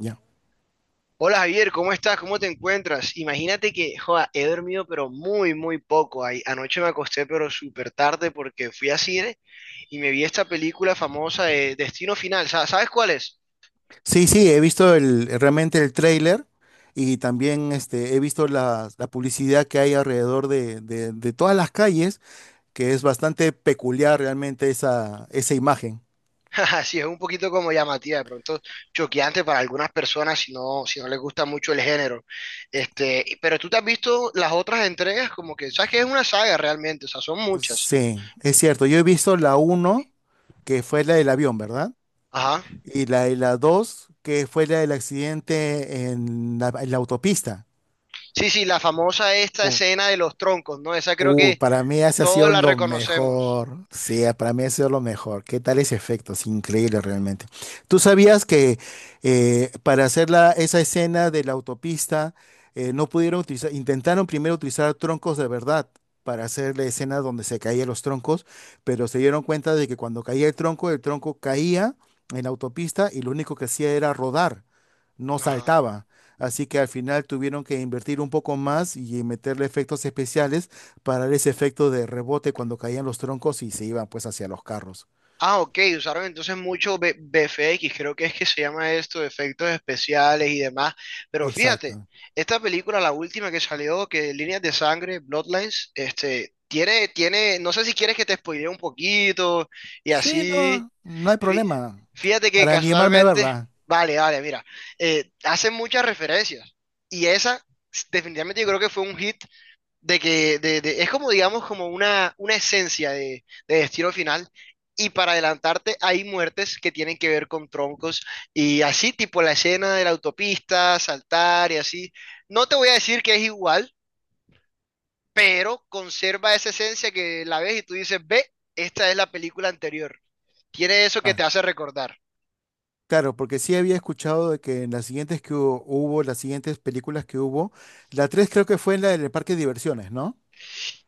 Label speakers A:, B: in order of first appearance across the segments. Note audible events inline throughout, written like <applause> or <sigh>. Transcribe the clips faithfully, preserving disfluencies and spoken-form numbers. A: Ya.
B: Hola Javier, ¿cómo estás? ¿Cómo te encuentras? Imagínate que, joda, he dormido pero muy, muy poco. Ay, anoche me acosté pero súper tarde porque fui a cine y me vi esta película famosa de Destino Final. Sa- ¿Sabes cuál es?
A: Sí, sí, he visto el, realmente el tráiler y también este, he visto la, la publicidad que hay alrededor de, de- de todas las calles, que es bastante peculiar realmente esa, esa imagen.
B: <laughs> Jaja, sí, es un poquito como llamativa, de pronto choqueante para algunas personas si no, si no les gusta mucho el género. Este, y- pero tú te has visto las otras entregas como que, sabes que es una saga realmente, o sea, son muchas.
A: Sí, es cierto. Yo he visto la uno que fue la del avión, ¿verdad?
B: Ajá.
A: Y la de la dos que fue la del accidente en la, en la autopista.
B: Sí, sí, la famosa esta escena de los troncos, ¿no? Esa creo
A: Uh,
B: que
A: para mí ese ha
B: todos
A: sido
B: la
A: lo
B: reconocemos.
A: mejor. Sí, ah, para mí ha sido lo mejor. ¿Qué tal ese efecto? Es increíble realmente. ¿Tú sabías que eh, para hacer la- esa escena de la autopista eh, no pudieron utilizar, intentaron primero utilizar troncos de verdad para hacer la escena donde se caían los troncos, pero se dieron cuenta de que cuando caía el tronco, el tronco caía en la autopista y lo único que hacía era rodar, no
B: Ajá.
A: saltaba. Así que al final tuvieron que invertir un poco más y meterle efectos especiales para ese efecto de rebote cuando caían los troncos y se iban pues hacia los carros.
B: Ah, ok, usaron entonces mucho B- BFX, creo que es que se llama esto, efectos especiales y demás. Pero fíjate,
A: Exacto.
B: esta película, la última que salió, que Líneas de Sangre, Bloodlines, este, tiene, tiene, no sé si quieres que te spoilee un poquito y
A: Sí,
B: así.
A: no, no hay
B: Fí-
A: problema.
B: Fíjate que
A: Para animarme a
B: casualmente,
A: verla.
B: vale, vale, mira, eh, hacen muchas referencias y esa s- definitivamente yo creo que fue un hit de que de- de- es como digamos como una, una esencia de, de Destino Final, y para adelantarte hay muertes que tienen que ver con troncos y así tipo la escena de la autopista, saltar y así. No te voy a decir que es igual, pero conserva esa esencia que la ves y tú dices, ve, esta es la película anterior. Tiene eso que
A: Ah,
B: te hace recordar.
A: claro, porque sí había escuchado de que en las siguientes que hu- hubo, las siguientes películas que hubo, la tres creo que fue en la del parque de diversiones, ¿no?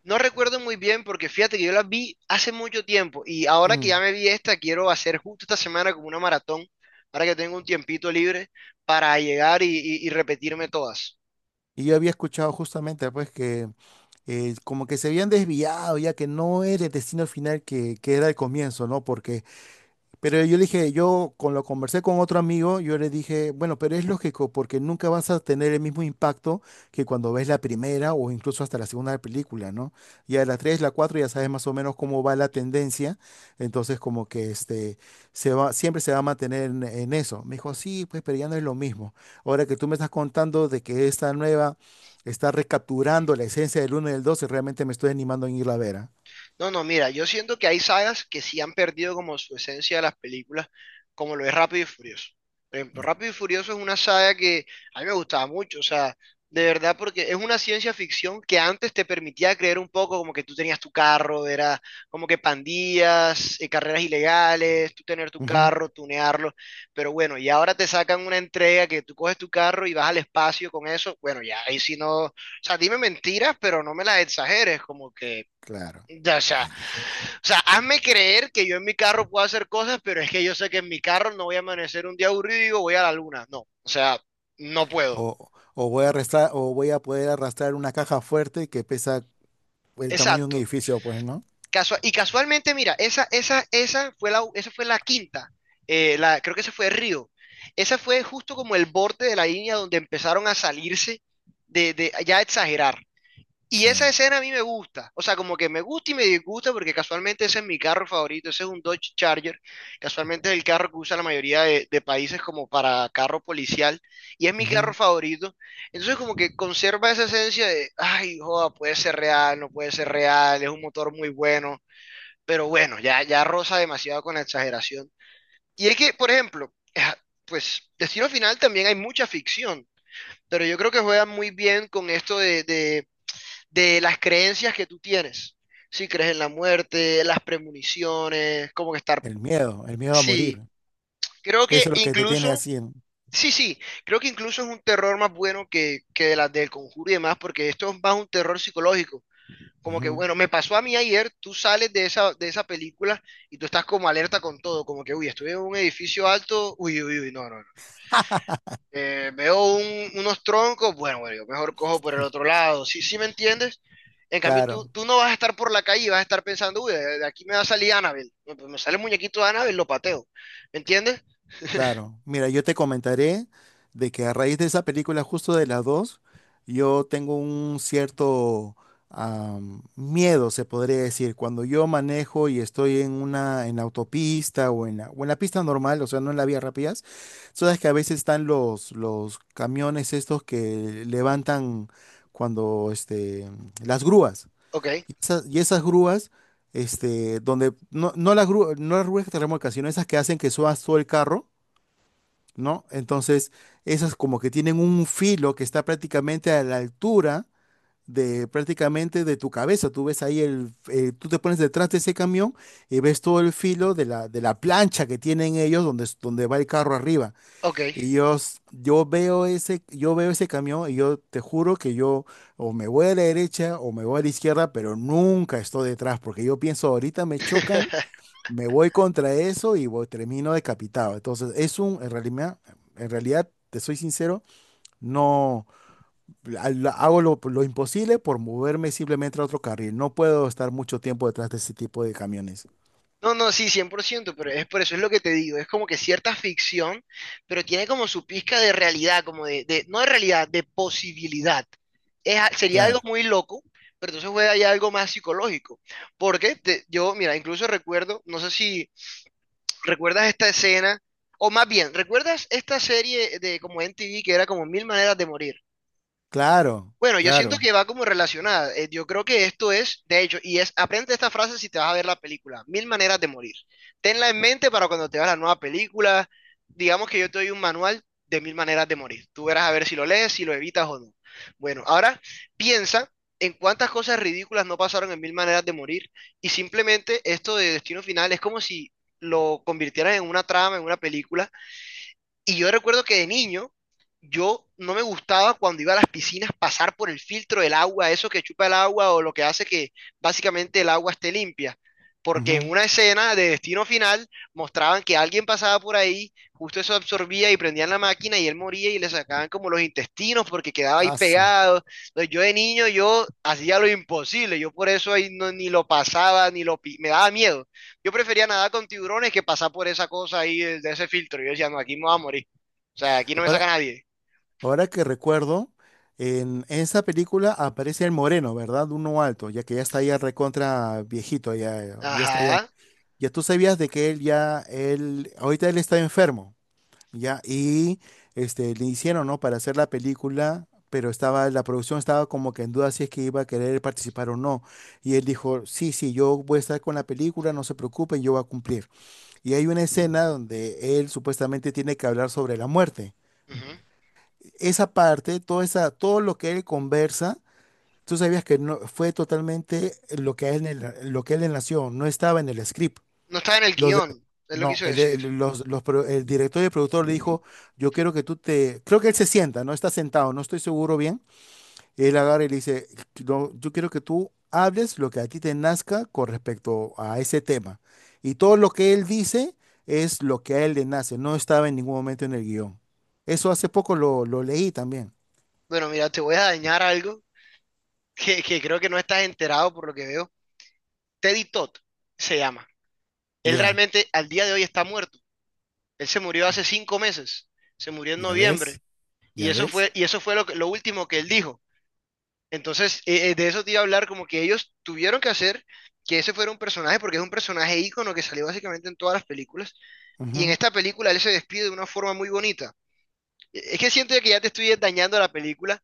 B: No recuerdo muy bien porque fíjate que yo las vi hace mucho tiempo y ahora que
A: Mm.
B: ya me vi esta, quiero hacer justo esta semana como una maratón, ahora que tengo un tiempito libre para llegar y, y- y repetirme todas.
A: Y yo había escuchado justamente pues que eh, como que se habían desviado, ya que no era el destino final que, que era el comienzo, ¿no? Porque pero yo le dije, yo con lo conversé con otro amigo, yo le dije, bueno, pero es lógico, porque nunca vas a tener el mismo impacto que cuando ves la primera o incluso hasta la segunda película, ¿no? Ya la tres, la cuatro, ya sabes más o menos cómo va la tendencia, entonces como que este, se va, siempre se va a mantener en, en eso. Me dijo, sí, pues, pero ya no es lo mismo. Ahora que tú me estás contando de que esta nueva está recapturando la esencia del uno y del dos, realmente me estoy animando en ir a ver, ¿ah?
B: No, no, mira, yo siento que hay sagas que sí han perdido como su esencia de las películas, como lo es Rápido y Furioso. Por ejemplo, Rápido y Furioso es una saga que a mí me gustaba mucho, o sea, de verdad, porque es una ciencia ficción que antes te permitía creer un poco como que tú tenías tu carro, era como que pandillas, eh, carreras ilegales, tú tener tu
A: Ujú,
B: carro, tunearlo, pero bueno, y ahora te sacan una entrega que tú coges tu carro y vas al espacio con eso, bueno, ya ahí sí no, o sea, dime mentiras, pero no me las exageres, como que
A: claro.
B: ya, o sea, o sea, hazme creer que yo en mi carro puedo hacer cosas, pero es que yo sé que en mi carro no voy a amanecer un día aburrido y digo, voy a la luna. No, o sea, no puedo.
A: O, o voy a arrastrar, o voy a poder arrastrar una caja fuerte que pesa el tamaño de un
B: Exacto.
A: edificio, pues, ¿no?
B: Casua- y casualmente, mira, esa, esa, esa fue la, esa fue la quinta. Eh, la, creo que esa fue Río. Esa fue justo como el borde de la línea donde empezaron a salirse de, de ya a exagerar. Y esa
A: Sí.
B: escena a mí me gusta, o sea, como que me gusta y me disgusta porque casualmente ese es mi carro favorito, ese es un Dodge Charger, casualmente es el carro que usa la mayoría de, de países como para carro policial y es mi carro
A: Ujú.
B: favorito. Entonces como que conserva esa esencia de, ay, joda, puede ser real, no puede ser real, es un motor muy bueno, pero bueno, ya, ya roza demasiado con la exageración. Y es que, por ejemplo, <laughs> pues Destino Final también hay mucha ficción, pero yo creo que juegan muy bien con esto de de de las creencias que tú tienes. Si crees en la muerte, las premoniciones, como que estar...
A: El miedo, el miedo a morir.
B: Sí, creo
A: Eso
B: que
A: es lo que te tiene
B: incluso...
A: así. en-
B: Sí, sí, creo que incluso es un terror más bueno que, que de las del conjuro y demás, porque esto es más un terror psicológico. Como que,
A: Ujú.
B: bueno, me pasó a mí ayer, tú sales de esa, de esa película y tú estás como alerta con todo, como que, uy, estoy en un edificio alto, uy, uy, uy, no, no, no. Eh, veo un- unos troncos, bueno, bueno, yo mejor cojo por el otro lado, ¿sí, sí me entiendes? En cambio, tú,
A: Claro.
B: tú no vas a estar por la calle y vas a estar pensando, uy, de de aquí me va a salir Annabelle. Me me sale el muñequito de Annabelle, lo pateo. ¿Me entiendes?
A: Claro, mira, yo te comentaré de que a raíz de esa película, justo de las dos, yo tengo un cierto am, miedo, se podría decir, cuando yo manejo y estoy en una en la autopista o en la, o en la pista normal, o sea, no en la vía rápidas, sabes que a veces están los los camiones estos que levantan cuando este las grúas
B: Ok,
A: y esas, y esas grúas este donde no no las grúas no las grúas que te remolcan, sino esas que hacen que subas todo el carro, ¿no? Entonces, esas como que tienen un filo que está prácticamente a la altura de prácticamente de tu cabeza. Tú ves ahí el, eh, tú te pones detrás de ese camión y ves todo el filo de la, de la plancha que tienen ellos donde, es- donde va el carro arriba.
B: ok.
A: Y yo, s- yo veo ese, yo veo ese camión y yo te juro que yo o me voy a la derecha o me voy a la izquierda, pero nunca estoy detrás porque yo pienso ahorita me chocan,
B: <laughs>
A: me voy contra eso y voy- termino decapitado. Entonces, es un, en realidad, en realidad, te soy sincero, no al- hago lo, lo imposible por moverme simplemente a otro carril. No puedo estar mucho tiempo detrás de ese tipo de camiones.
B: No, no, sí, cien por ciento, pero es por eso es lo que te digo, es como que cierta ficción, pero tiene como su pizca de realidad, como de, de- no de realidad, de posibilidad. Es a- sería algo
A: Claro,
B: muy loco, pero entonces juega ya algo más psicológico. Porque te- yo, mira, incluso recuerdo, no sé si recuerdas esta escena, o más bien, ¿recuerdas esta serie de como M T V que era como Mil Maneras de Morir?
A: claro,
B: Bueno, yo siento
A: claro.
B: que va como relacionada. Eh, yo creo que esto es, de hecho, y es, aprende esta frase si te vas a ver la película. Mil maneras de morir. Tenla en mente para cuando te veas la nueva película. Digamos que yo te doy un manual de mil maneras de morir. Tú verás a ver si lo lees, si lo evitas o no. Bueno, ahora piensa en cuántas cosas ridículas no pasaron en mil maneras de morir. Y simplemente esto de destino final es como si lo convirtieran en una trama, en una película y yo recuerdo que de niño, yo no me gustaba cuando iba a las piscinas pasar por el filtro del agua, eso que chupa el agua o lo que hace que básicamente el agua esté limpia. Porque en
A: Ujú.
B: una escena de Destino Final mostraban que alguien pasaba por ahí, justo eso absorbía y prendían la máquina y él moría y le sacaban como los intestinos porque quedaba ahí
A: Aso.
B: pegado. Entonces yo de niño yo hacía lo imposible, yo por eso ahí no- ni lo pasaba, ni lo pi- me daba miedo. Yo prefería nadar con tiburones que pasar por esa cosa ahí, de, de ese filtro. Yo decía, no, aquí me voy a morir. O sea, aquí no me saca
A: Ahora,
B: nadie.
A: ahora que recuerdo, en esa película aparece el moreno, ¿verdad? Uno alto, ya que ya está ya recontra viejito, ya, ya está ya.
B: Ajá.
A: Ya tú sabías de que él ya, él, ahorita él está enfermo. Ya, y este, le hicieron, ¿no? Para hacer la película, pero estaba, la producción estaba como que en duda si es que iba a querer participar o no. Y él dijo, sí, sí, yo voy a estar con la película, no se preocupen, yo voy a cumplir. Y hay una escena donde él supuestamente tiene que hablar sobre la muerte.
B: Ujú.
A: Esa parte, toda esa, todo lo que él conversa, tú sabías que no, fue totalmente lo que a él, le- lo que a él le nació, no estaba en el script.
B: No está en el
A: Los de-
B: guión, es lo que
A: no,
B: quiso
A: el,
B: decir.
A: el- los, los pro- el director y el productor le dijo, yo quiero que tú te... Creo que él se sienta, no está sentado, no estoy seguro bien. Él agarra y le dice: "No, yo quiero que tú hables lo que a ti te nazca con respecto a ese tema". Y todo lo que él dice es lo que a él le nace, no estaba en ningún momento en el guión. Eso hace poco lo, lo leí también.
B: Bueno, mira, te voy a dañar algo que, que creo que no estás enterado por lo que veo. Teddy Todd se llama. Él
A: Ya,
B: realmente al día de hoy está muerto. Él se murió hace cinco meses. Se murió en
A: ya ves,
B: noviembre. Y
A: ya
B: eso
A: ves.
B: fue, y eso fue lo, que- lo último que él dijo. Entonces, eh, eh, de eso te iba a hablar, como que ellos tuvieron que hacer que ese fuera un personaje, porque es un personaje ícono que salió básicamente en todas las películas, y en
A: Ujú,
B: esta película él se despide de una forma muy bonita. Eh, Es que siento que ya te estoy dañando la película,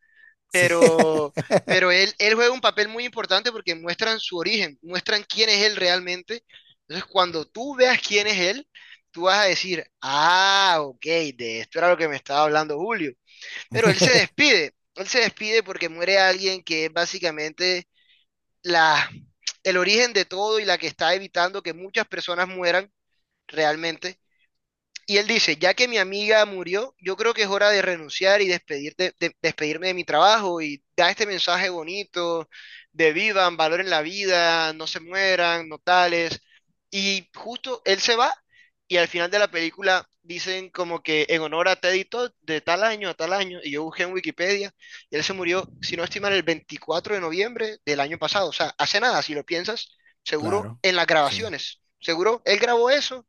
A: sí.
B: pero, pero él, él juega un papel muy importante porque muestran su origen, muestran quién es él realmente. Entonces, cuando tú veas quién es él, tú vas a decir, ah, ok, de esto era lo que me estaba hablando Julio. Pero él se
A: <laughs>
B: despide, él se despide porque muere alguien que es básicamente la, el origen de todo y la que está evitando que muchas personas mueran realmente y él dice, ya que mi amiga murió, yo creo que es hora de renunciar y despedir de- despedirme de mi trabajo y da este mensaje bonito de vivan, valoren la vida, no se mueran, no tales. Y justo él se va y al final de la película dicen como que en honor a Teddy Todd de tal año a tal año, y yo busqué en Wikipedia, y él se murió, si no estoy mal, el veinticuatro de noviembre del año pasado. O sea, hace nada, si lo piensas, seguro
A: Claro,
B: en las
A: sí,
B: grabaciones. Seguro él grabó eso,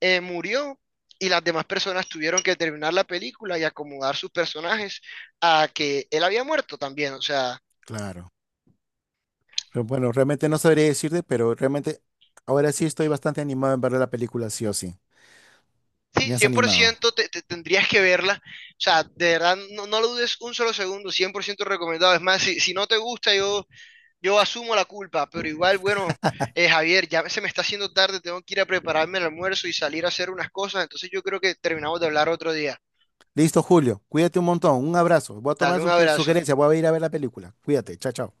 B: eh, murió y las demás personas tuvieron que terminar la película y acomodar sus personajes a que él había muerto también. O sea,
A: claro. Pero bueno, realmente no sabría decirte, pero realmente ahora sí estoy bastante animado en ver la película, sí o sí.
B: sí,
A: Me has animado.
B: cien por ciento te, te tendrías que verla. O sea, de verdad, no, no lo dudes un solo segundo, cien por ciento recomendado. Es más, si, si no te gusta, yo, yo asumo la culpa, pero igual, bueno, eh, Javier, ya se me está haciendo tarde, tengo que ir a prepararme el almuerzo y salir a hacer unas cosas, entonces yo creo que terminamos de hablar otro día.
A: Listo, Julio. Cuídate un montón. Un abrazo. Voy a
B: Dale
A: tomar
B: un
A: su
B: abrazo.
A: sugerencia. Voy a ir a ver la película. Cuídate. Chao, chao.